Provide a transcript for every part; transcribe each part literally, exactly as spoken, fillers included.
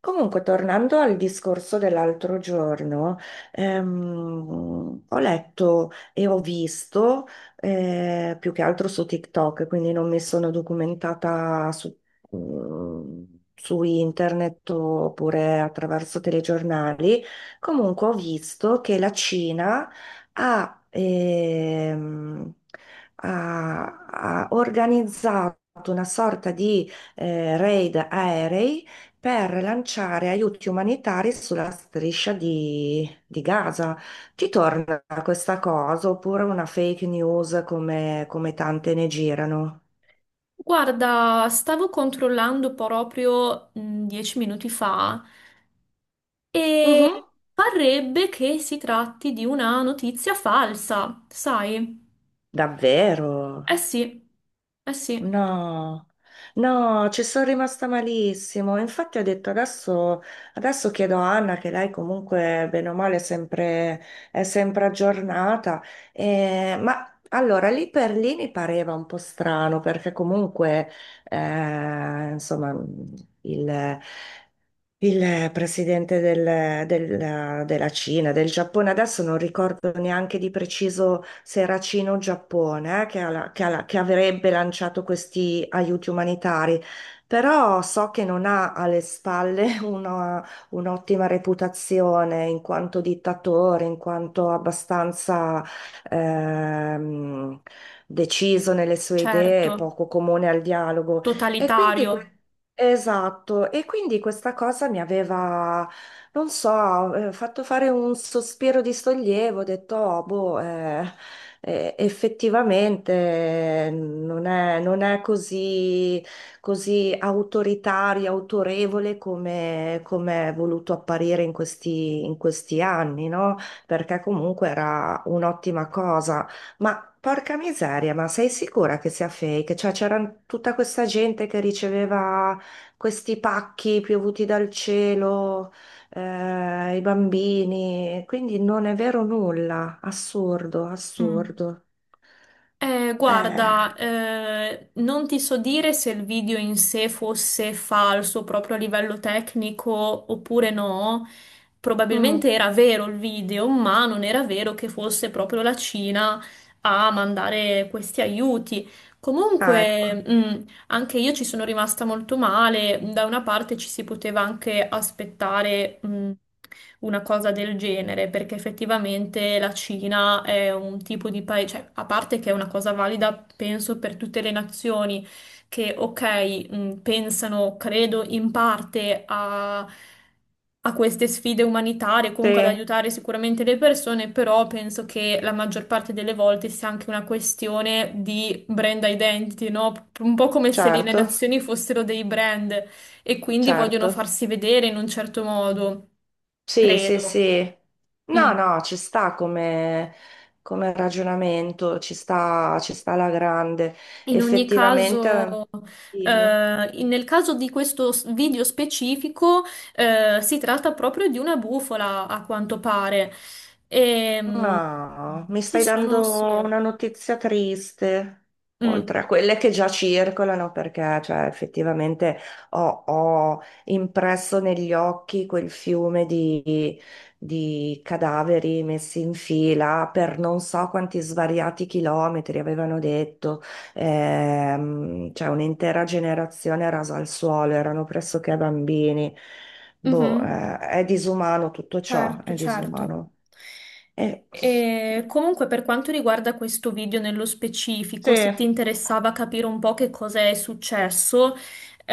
Comunque, tornando al discorso dell'altro giorno, ehm, ho letto e ho visto eh, più che altro su TikTok, quindi non mi sono documentata su, mm, su internet oppure attraverso telegiornali. Comunque, ho visto che la Cina ha, ehm, ha ha organizzato una sorta di eh, raid aerei per lanciare aiuti umanitari sulla striscia di, di Gaza. Ti torna questa cosa oppure una fake news come, come tante ne girano? Guarda, stavo controllando proprio mh, dieci minuti fa e Mhm. parrebbe che si tratti di una notizia falsa, sai? Davvero? Eh sì, eh sì, No, no, ci sono rimasta malissimo. Infatti ho detto adesso, adesso chiedo a Anna, che lei comunque bene o male è sempre, è sempre aggiornata. Eh, ma allora lì per lì mi pareva un po' strano perché comunque eh, insomma il, il presidente del- del- della Cina, del Giappone, adesso non ricordo neanche di preciso se era Cina o Giappone, eh, che, ha la- che ha la- che avrebbe lanciato questi aiuti umanitari, però so che non ha alle spalle una- un'ottima reputazione in quanto dittatore, in quanto abbastanza ehm, deciso nelle sue certo, idee, poco comune al dialogo. E quindi totalitario. esatto, e quindi questa cosa mi aveva, non so, eh, fatto fare un sospiro di sollievo, ho detto, "Oh, boh, eh, eh, effettivamente non è, non è così, così autoritario, autorevole come, come è voluto apparire in questi, in questi anni, no? Perché comunque era un'ottima cosa. Ma porca miseria, ma sei sicura che sia fake? Cioè, c'era tutta questa gente che riceveva questi pacchi piovuti dal cielo, eh, i bambini, quindi non è vero nulla, assurdo, Mm. assurdo. Eh, Eh, guarda, eh, non ti so dire se il video in sé fosse falso proprio a livello tecnico oppure no. mm. Probabilmente era vero il video, ma non era vero che fosse proprio la Cina a mandare questi aiuti. Ah, ecco, Comunque, mm, anche io ci sono rimasta molto male. Da una parte ci si poteva anche aspettare mh, una cosa del genere, perché effettivamente la Cina è un tipo di paese, cioè, a parte che è una cosa valida, penso, per tutte le nazioni, che, ok, mh, pensano, credo, in parte a, a queste sfide umanitarie, comunque ad sì, aiutare sicuramente le persone, però penso che la maggior parte delle volte sia anche una questione di brand identity, no? Un po' come se le le certo, nazioni fossero dei brand e quindi vogliono certo. farsi vedere in un certo modo, Sì, sì, credo. sì. Mm. No, no, ci sta come, come ragionamento, ci sta, ci sta alla grande. In ogni Effettivamente, caso, dimmi. eh, in- nel caso di questo s- video specifico, eh, si tratta proprio di una bufala, a quanto pare. Ehm, No, mi Ci stai sono, sì. dando una notizia triste, oltre Mm. a quelle che già circolano, perché cioè, effettivamente ho, ho impresso negli occhi quel fiume di, di cadaveri messi in fila per non so quanti svariati chilometri, avevano detto. Ehm, cioè un'intera generazione rasa al suolo, erano pressoché bambini. Boh, Mhm. eh, è disumano tutto ciò, Certo, è certo. disumano. Eh, E comunque per quanto riguarda questo video nello Sì, specifico, se ti interessava capire un po' che cosa è successo,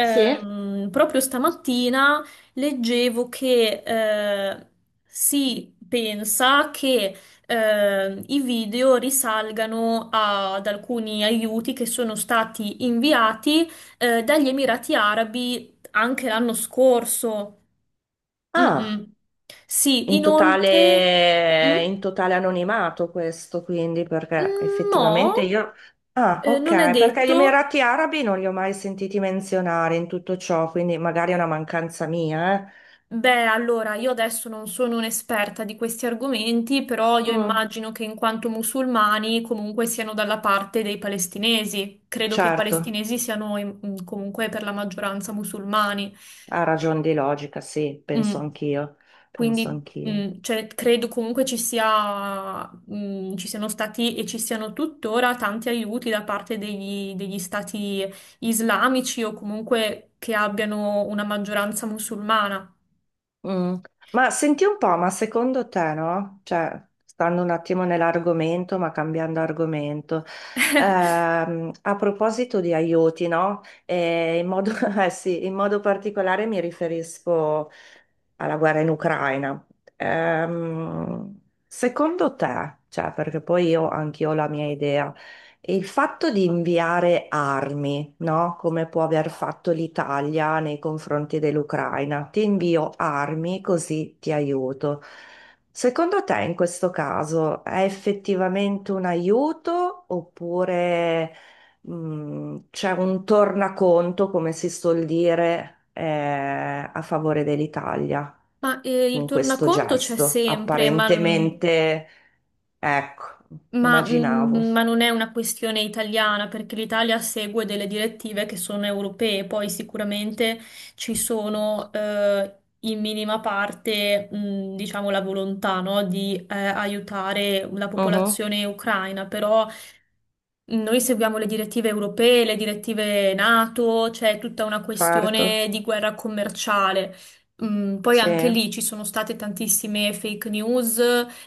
sì. proprio stamattina leggevo che eh, si pensa che eh, i video risalgano ad alcuni aiuti che sono stati inviati eh, dagli Emirati Arabi anche l'anno scorso. Ah, Mm-mm. Sì, in inoltre... totale, Mm? in totale anonimato questo, quindi, perché Mm, effettivamente no, io... Ah, eh, non è ok, perché gli detto. Emirati Arabi non li ho mai sentiti menzionare in tutto ciò, quindi magari è una mancanza mia, eh. Beh, allora, io adesso non sono un'esperta di questi argomenti, però io Mm. immagino che in quanto musulmani comunque siano dalla parte dei palestinesi. Credo che i Certo, palestinesi siano in- comunque per la maggioranza musulmani. ha ragione di logica, sì, Mm. penso anch'io, penso Quindi, anch'io. mh, cioè, credo comunque ci sia, mh, ci siano stati e ci siano tuttora tanti aiuti da parte degli, degli stati islamici o comunque che abbiano una maggioranza musulmana. Mm. Ma senti un po', ma secondo te, no? Cioè, stando un attimo nell'argomento, ma cambiando argomento, ehm, a proposito di aiuti, no? E in modo, eh sì, in modo particolare mi riferisco alla guerra in Ucraina. Ehm, Secondo te, cioè, perché poi io anch'io ho la mia idea. Il fatto di inviare armi, no? Come può aver fatto l'Italia nei confronti dell'Ucraina, ti invio armi così ti aiuto. Secondo te in questo caso è effettivamente un aiuto oppure mh, c'è un tornaconto, come si suol dire, eh, a favore dell'Italia Ma eh, il con questo tornaconto c'è gesto? sempre, ma mh, Apparentemente, ecco, Ma, immaginavo. mm, ma non è una questione italiana perché l'Italia segue delle direttive che sono europee, poi sicuramente ci sono eh, in minima parte, mm, diciamo, la volontà, no, di eh, aiutare la Mhm. popolazione ucraina, però noi seguiamo le direttive europee, le direttive NATO. C'è tutta una Certo, questione di guerra commerciale. Mm, poi sì, anche lì ci sono state tantissime fake news,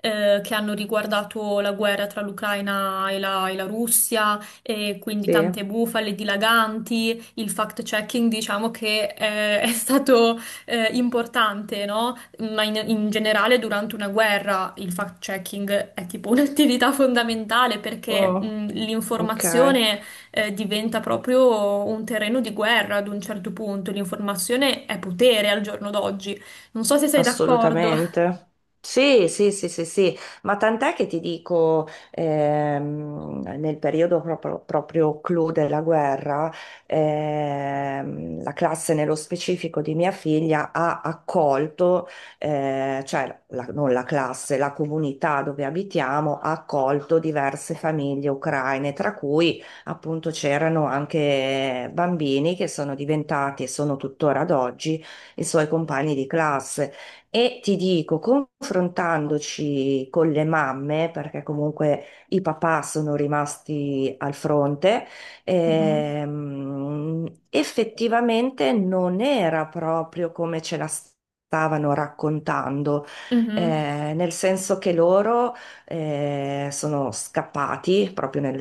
eh, che hanno riguardato la guerra tra l'Ucraina e la, e la Russia, e quindi sì. tante bufale dilaganti. Il fact-checking, diciamo che eh, è stato eh, importante, no? Ma in, in generale durante una guerra il fact-checking è tipo un'attività fondamentale perché Oh, mh, ok. l'informazione eh, diventa proprio un terreno di guerra ad un certo punto. L'informazione è potere al giorno d'oggi. Non so se sei d'accordo. Assolutamente. Sì, sì, sì, sì, sì, ma tant'è che ti dico, ehm, nel periodo proprio, proprio clou della guerra, ehm, la classe nello specifico di mia figlia ha accolto, eh, cioè la- non la classe, la comunità dove abitiamo ha accolto diverse famiglie ucraine, tra cui appunto c'erano anche bambini che sono diventati e sono tuttora ad oggi i suoi compagni di classe. E ti dico, confrontandoci con le mamme, perché comunque i papà sono rimasti al fronte, Mhm. ehm, effettivamente non era proprio come ce la stavano raccontando, eh, Mhm. nel senso che loro eh, sono scappati, proprio nel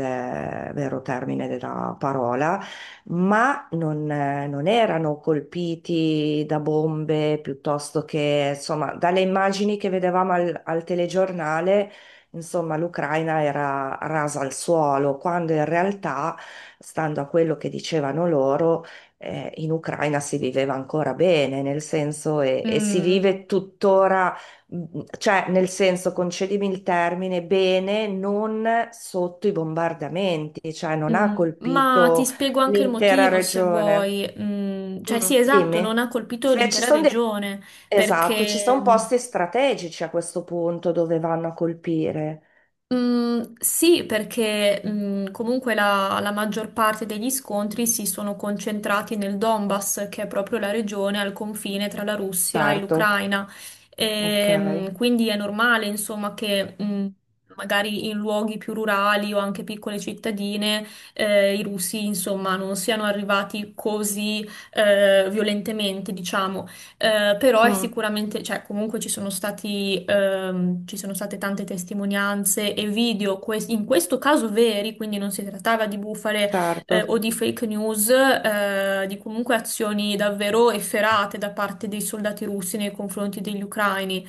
vero termine della parola, ma non, eh, non erano colpiti da bombe piuttosto che, insomma, dalle immagini che vedevamo al, al telegiornale, insomma, l'Ucraina era rasa al suolo, quando in realtà, stando a quello che dicevano loro, eh, in Ucraina si viveva ancora bene, nel senso, e, e si Mm, vive tuttora, mh, cioè, nel senso, concedimi il termine, bene, non sotto i bombardamenti, cioè non ha mm. Ma ti colpito spiego anche il l'intera motivo se regione. vuoi. Mm, cioè, Mm. sì, esatto, non Dimmi, ha colpito se ci l'intera sono dei... regione Esatto, ci perché, sono mm, posti strategici a questo punto dove vanno a colpire. mm, sì, perché mm, comunque la, la maggior parte degli scontri si sono concentrati nel Donbass, che è proprio la regione al confine tra la Russia e Certo, l'Ucraina. ok, Ehm, quindi è normale, insomma, che mm, magari in luoghi più rurali o anche piccole cittadine eh, i russi, insomma, non siano arrivati così eh, violentemente, diciamo. Eh, però è mm, sicuramente, cioè comunque ci sono stati, ehm, ci sono state tante testimonianze e video, que- in questo caso veri, quindi non si trattava di bufale, certo. eh, o di fake news, eh, di comunque azioni davvero efferate da parte dei soldati russi nei confronti degli ucraini.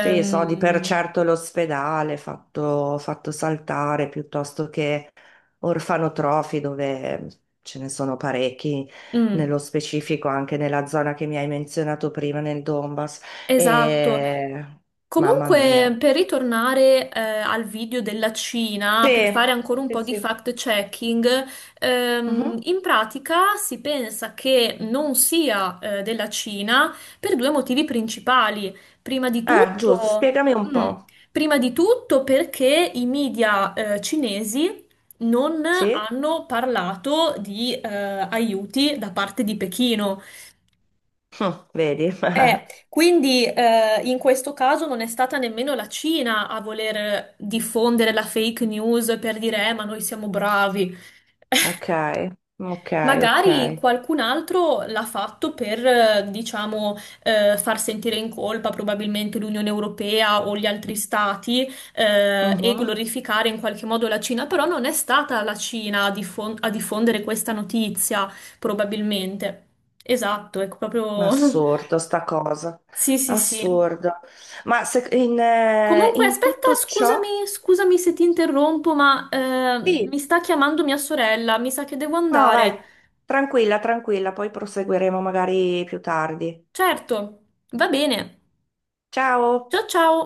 Sì, so di per certo l'ospedale fatto, fatto saltare piuttosto che orfanotrofi dove ce ne sono parecchi, mm. nello specifico anche nella zona che mi hai menzionato prima, nel Donbass. Esatto. E... Mamma Comunque, mia. per ritornare, eh, al video della Cina, per fare Sì, ancora un sì, po' di sì. fact-checking, ehm, Mhm. in pratica si pensa che non sia, eh, della Cina per due motivi principali. Prima di Ah, giusto, tutto, spiegami un mm, po'. Prima di tutto perché i media, eh, cinesi non Sì? hanno parlato di, eh, aiuti da parte di Pechino. Hm, vedi? Eh, quindi eh, in questo caso non è stata nemmeno la Cina a voler diffondere la fake news per dire, eh, ma noi siamo bravi. Ok, ok, ok. Magari qualcun altro l'ha fatto per, eh, diciamo, eh, far sentire in colpa probabilmente l'Unione Europea o gli altri stati, eh, e Mhm. glorificare in qualche modo la Cina, però non è stata la Cina a diffon- a diffondere questa notizia, probabilmente. Esatto, è Ma proprio. assurdo sta cosa. Sì, sì, sì. Assurdo. Ma se- in, eh, Comunque, in aspetta, tutto ciò? scusami, scusami se ti interrompo, ma eh, Sì. mi sta chiamando mia sorella, mi sa che devo Ah, vai, andare. tranquilla, tranquilla, poi proseguiremo magari più tardi. Certo, va bene. Ciao! Ciao ciao.